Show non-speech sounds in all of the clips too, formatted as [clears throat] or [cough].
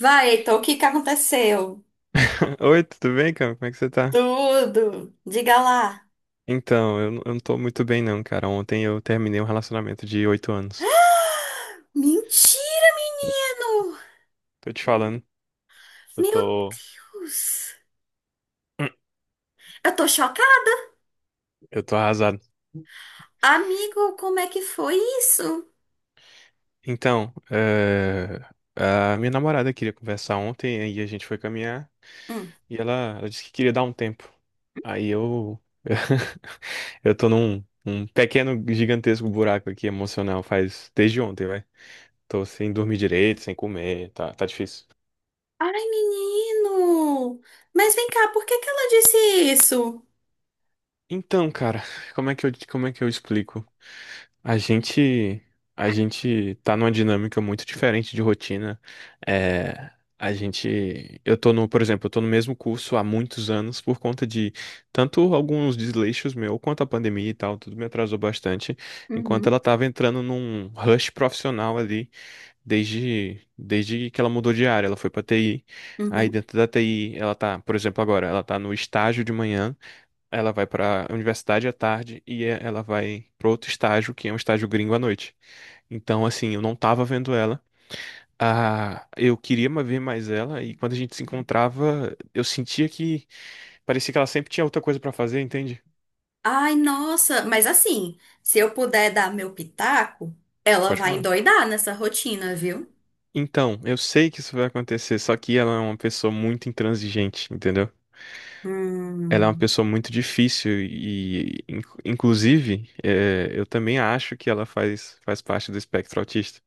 Vai, Heitor, o que que aconteceu? [laughs] Oi, tudo bem, cara? Como é que você tá? Tudo. Diga lá. Então, eu não tô muito bem não, cara. Ontem eu terminei um relacionamento de 8 anos. Mentira, menino! Tô te falando, eu Meu tô, Deus! [clears throat] Eu tô chocada. eu tô arrasado. Amigo, como é que foi isso? Então, a minha namorada queria conversar ontem, aí a gente foi caminhar Hum. e ela disse que queria dar um tempo. Aí [laughs] eu tô num pequeno, gigantesco buraco aqui emocional faz desde ontem, vai. Tô sem dormir direito, sem comer, tá difícil. Ai, menino! Mas vem cá, por que que ela disse isso? Então, cara, como é que eu explico? A gente, a gente tá numa dinâmica muito diferente de rotina. É, eu tô no, por exemplo, eu tô no mesmo curso há muitos anos por conta de tanto alguns desleixos meu, quanto a pandemia e tal, tudo me atrasou bastante, enquanto Uhum, ela tava entrando num rush profissional ali desde que ela mudou de área, ela foi pra TI. Aí uhum. dentro da TI, ela tá, por exemplo, agora, ela tá no estágio de manhã, ela vai para a universidade à tarde e ela vai para outro estágio, que é um estágio gringo à noite. Então, assim, eu não tava vendo ela. Ah, eu queria ver mais ela e quando a gente se encontrava, eu sentia que parecia que ela sempre tinha outra coisa para fazer, entende? Ai, nossa, mas assim, se eu puder dar meu pitaco, ela Pode vai falar. endoidar nessa rotina, viu? Então, eu sei que isso vai acontecer, só que ela é uma pessoa muito intransigente, entendeu? Ela é uma Hum. pessoa muito difícil e, inclusive, eu também acho que ela faz parte do espectro autista.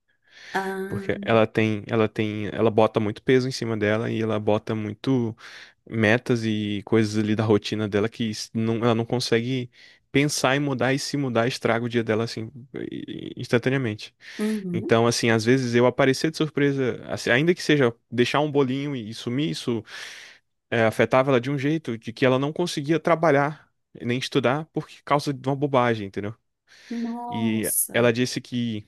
Ah, Porque ela bota muito peso em cima dela e ela bota muito metas e coisas ali da rotina dela que não, ela não consegue pensar em mudar e se mudar estraga o dia dela assim instantaneamente. uhum. Então, assim, às vezes eu aparecer de surpresa, assim, ainda que seja deixar um bolinho e sumir, isso afetava ela de um jeito de que ela não conseguia trabalhar nem estudar por causa de uma bobagem, entendeu? E Nossa. ela disse que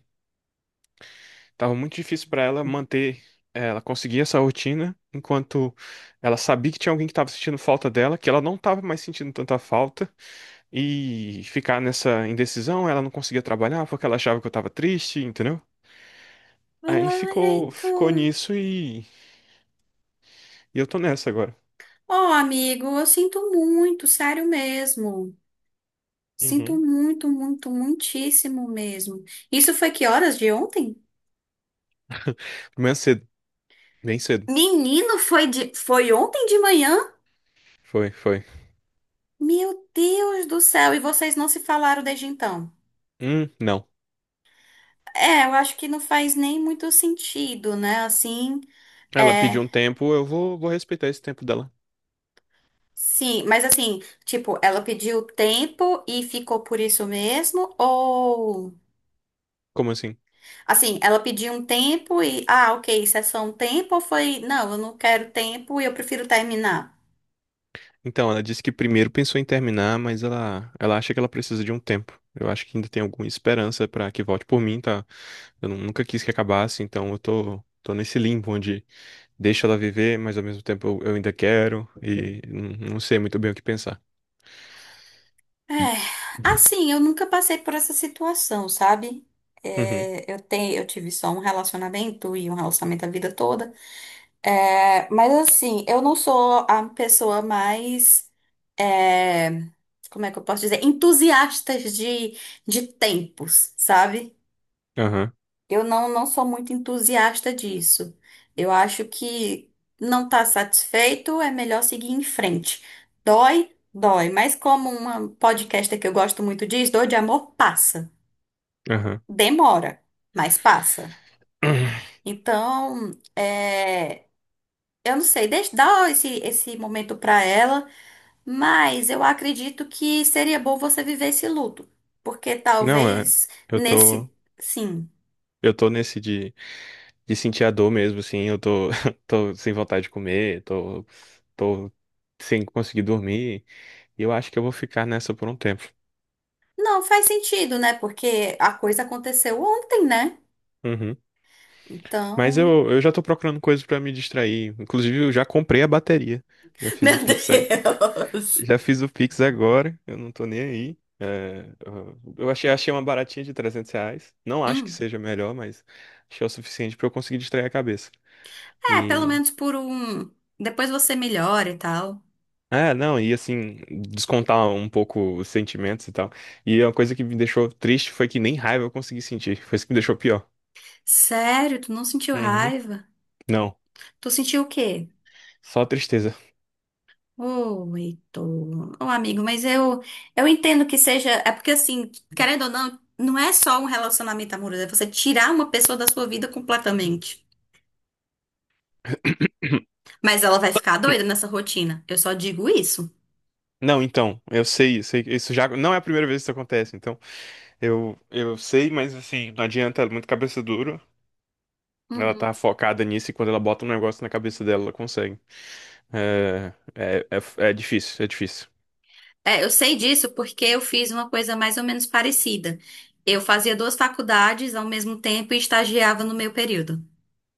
tava muito difícil pra ela manter, ela conseguir essa rotina, enquanto ela sabia que tinha alguém que tava sentindo falta dela, que ela não tava mais sentindo tanta falta, e ficar nessa indecisão, ela não conseguia trabalhar porque ela achava que eu tava triste, entendeu? Aí Olha, ficou então. nisso e eu tô nessa agora. Ó, amigo, eu sinto muito, sério mesmo. Sinto Uhum. muito, muito, muitíssimo mesmo. Isso foi que horas de ontem? Amanhã cedo, bem cedo. Menino, foi ontem de manhã? Foi, foi. Meu Deus do céu, e vocês não se falaram desde então? Não. É, eu acho que não faz nem muito sentido, né? Assim, Ela é. pediu um tempo, eu vou respeitar esse tempo dela. Sim, mas assim, tipo, ela pediu tempo e ficou por isso mesmo? Ou. Como assim? Assim, ela pediu um tempo e, ah, ok, isso é só um tempo ou foi, não, eu não quero tempo e eu prefiro terminar. Então, ela disse que primeiro pensou em terminar, mas ela acha que ela precisa de um tempo. Eu acho que ainda tem alguma esperança pra que volte por mim, tá? Eu nunca quis que acabasse, então eu tô nesse limbo onde deixo ela viver, mas ao mesmo tempo eu ainda quero e não sei muito bem o que pensar. É, assim, eu nunca passei por essa situação, sabe? Uhum. É, eu tive só um relacionamento e um relacionamento a vida toda. É, mas assim, eu não sou a pessoa mais, é, como é que eu posso dizer, entusiastas de tempos, sabe? Aham, Eu não sou muito entusiasta disso. Eu acho que não está satisfeito, é melhor seguir em frente. Dói, dói. Mas como uma podcaster que eu gosto muito diz, dor de amor passa. aham. Demora, mas passa. [clears throat] Então, é, eu não sei, deixa, dá esse momento para ela, mas eu acredito que seria bom você viver esse luto. Porque Não, é, talvez eu tô, nesse, sim. eu tô nesse de sentir a dor mesmo, assim, eu tô, [laughs] tô sem vontade de comer, tô sem conseguir dormir, e eu acho que eu vou ficar nessa por um tempo. Não faz sentido, né? Porque a coisa aconteceu ontem, né? Uhum. Mas Então. eu já tô procurando coisas pra me distrair. Inclusive, eu já comprei a bateria. Já [laughs] fiz Meu o Pix, a- Deus! Já fiz o Pix agora. Eu não tô nem aí. É, eu achei uma baratinha de R$ 300. Não acho que Hum. seja melhor, mas achei o suficiente pra eu conseguir distrair a cabeça. É, pelo E. menos por um. Depois você melhora e tal. Ah, não, e assim, descontar um pouco os sentimentos e tal. E uma coisa que me deixou triste foi que nem raiva eu consegui sentir. Foi isso que me deixou pior. Sério, tu não sentiu Uhum. raiva? Não, Tu sentiu o quê? só tristeza. Ô, Heitor. Ô, amigo, mas eu entendo que seja. É porque, assim, querendo ou não, não é só um relacionamento amoroso, é você tirar uma pessoa da sua vida completamente. Mas ela vai ficar doida nessa rotina. Eu só digo isso. Não, então, que isso já não é a primeira vez que isso acontece, então eu sei, mas assim, não adianta, ela é muito cabeça dura. Ela Uhum. tá focada nisso e quando ela bota um negócio na cabeça dela, ela consegue. É, é, é difícil, é difícil. É, eu sei disso porque eu fiz uma coisa mais ou menos parecida. Eu fazia duas faculdades ao mesmo tempo e estagiava no meu período.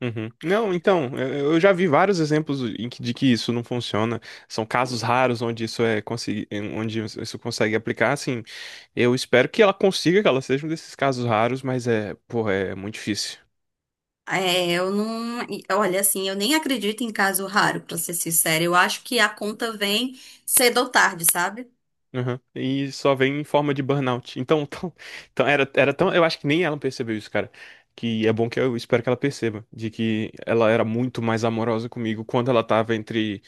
Uhum. Não, então, eu já vi vários exemplos de que isso não funciona. São casos raros onde isso consegue aplicar. Assim, eu espero que ela consiga, que ela seja um desses casos raros, mas é, porra, é muito difícil. É, eu não. E, olha, assim, eu nem acredito em caso raro, pra ser sincera. Eu acho que a conta vem cedo ou tarde, sabe? Aham. E só vem em forma de burnout. [laughs] Então, então era tão. Eu acho que nem ela percebeu isso, cara. Que é bom que eu espero que ela perceba. De que ela era muito mais amorosa comigo quando ela tava entre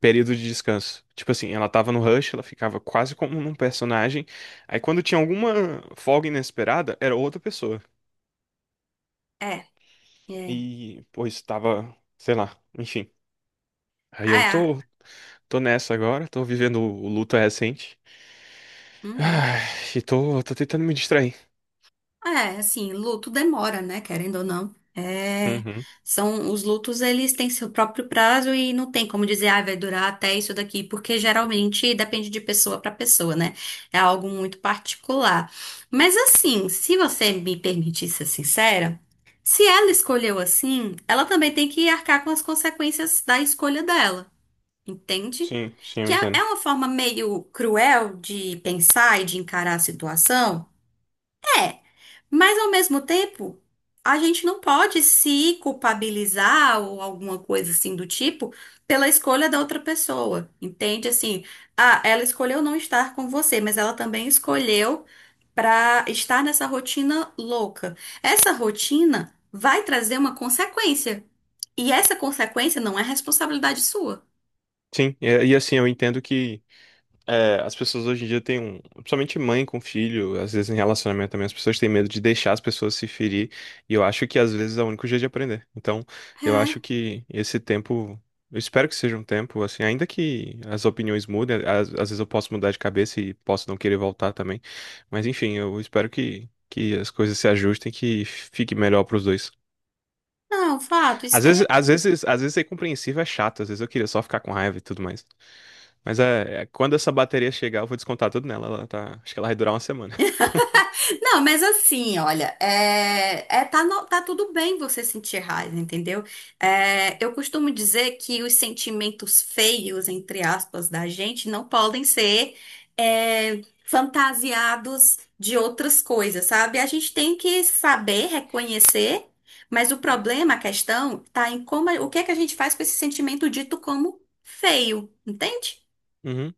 períodos de descanso. Tipo assim, ela tava no rush, ela ficava quase como um personagem. Aí quando tinha alguma folga inesperada, era outra pessoa. É, é. E, pois, tava, sei lá, enfim. Aí eu É. tô, tô nessa agora, tô vivendo o luto recente. Uhum. Ai, e tô tentando me distrair. É, assim, luto demora, né? Querendo ou não. É, Uhum. são os lutos, eles têm seu próprio prazo e não tem como dizer, ah, vai durar até isso daqui, porque geralmente depende de pessoa para pessoa, né? É algo muito particular. Mas assim, se você me permitir ser sincera, se ela escolheu assim, ela também tem que arcar com as consequências da escolha dela, entende? Sim, sim, eu Que é entendo. uma forma meio cruel de pensar e de encarar a situação. É. Mas ao mesmo tempo, a gente não pode se culpabilizar ou alguma coisa assim do tipo pela escolha da outra pessoa, entende? Assim, ah, ela escolheu não estar com você, mas ela também escolheu para estar nessa rotina louca. Essa rotina vai trazer uma consequência. E essa consequência não é responsabilidade sua. Sim, e, assim, eu entendo que, as pessoas hoje em dia têm um. Principalmente mãe com filho, às vezes em relacionamento também, as pessoas têm medo de deixar as pessoas se ferir. E eu acho que às vezes é o único jeito de aprender. Então, eu É. acho que esse tempo. Eu espero que seja um tempo, assim, ainda que as opiniões mudem, às vezes eu posso mudar de cabeça e posso não querer voltar também. Mas enfim, eu espero que as coisas se ajustem, que fique melhor pros dois. Não, fato, isso Às daí é. vezes, às vezes, às vezes ser compreensível é chato, às vezes eu queria só ficar com raiva e tudo mais. Mas quando essa bateria chegar, eu vou descontar tudo nela. Ela tá, acho que ela vai durar uma semana. [laughs] Não, mas assim, olha, tá, tá tudo bem você sentir raiva, entendeu? É, eu costumo dizer que os sentimentos feios, entre aspas, da gente não podem ser fantasiados de outras coisas, sabe? A gente tem que saber reconhecer, mas o problema, a questão, tá em como, o que é que a gente faz com esse sentimento dito como feio, entende? Uhum.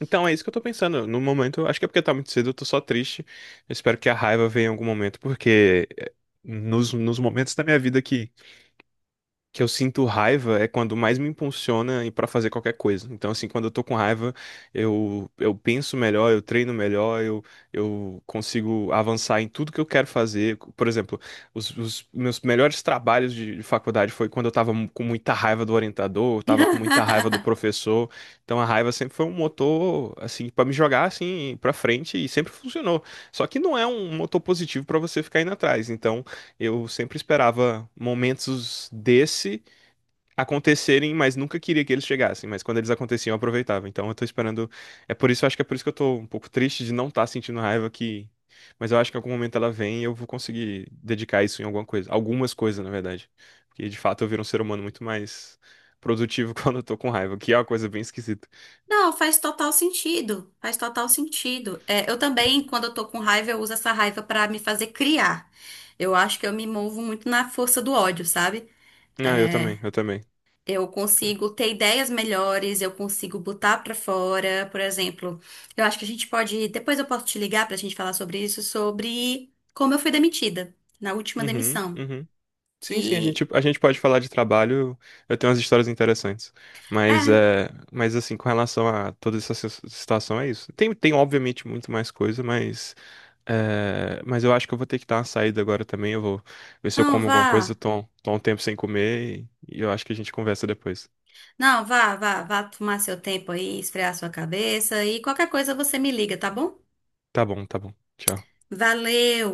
Então é isso que eu tô pensando. No momento, acho que é porque tá muito cedo, eu tô só triste. Eu espero que a raiva venha em algum momento, porque é, nos momentos da minha vida que eu sinto raiva é quando mais me impulsiona e para fazer qualquer coisa. Então, assim, quando eu tô com raiva, eu penso melhor, eu treino melhor, eu consigo avançar em tudo que eu quero fazer. Por exemplo, os meus melhores trabalhos de faculdade foi quando eu tava com muita raiva do orientador, eu tava com muita raiva do [laughs] professor. Então, a raiva sempre foi um motor, assim, para me jogar, assim, para frente e sempre funcionou. Só que não é um motor positivo para você ficar indo atrás. Então, eu sempre esperava momentos desse acontecerem, mas nunca queria que eles chegassem. Mas quando eles aconteciam, eu aproveitava. Então eu tô esperando. É por isso, acho que é por isso que eu tô um pouco triste de não estar sentindo raiva que. Mas eu acho que em algum momento ela vem e eu vou conseguir dedicar isso em alguma coisa. Algumas coisas, na verdade. Porque de fato eu viro um ser humano muito mais produtivo [laughs] quando eu tô com raiva, que é uma coisa bem esquisita. Não, faz total sentido. Faz total sentido. É, eu também, quando eu tô com raiva, eu uso essa raiva pra me fazer criar. Eu acho que eu me movo muito na força do ódio, sabe? Ah, eu É, também, eu também. eu consigo ter ideias melhores, eu consigo botar pra fora, por exemplo. Eu acho que a gente pode, depois eu posso te ligar pra gente falar sobre isso, sobre como eu fui demitida na última Uhum, demissão. uhum. Sim, sim, a Que, gente, a gente pode falar de trabalho, eu tenho umas histórias interessantes. Mas, é, mas assim, com relação a toda essa situação, é isso. Tem obviamente muito mais coisa, mas, mas eu acho que eu vou ter que dar uma saída agora também. Eu vou ver se eu não, como alguma coisa, eu vá. tô, tô um tempo sem comer e eu acho que a gente conversa depois. Não, vá, vá, vá tomar seu tempo aí, esfriar sua cabeça e qualquer coisa você me liga, tá bom? Tá bom, tá bom. Tchau. Valeu!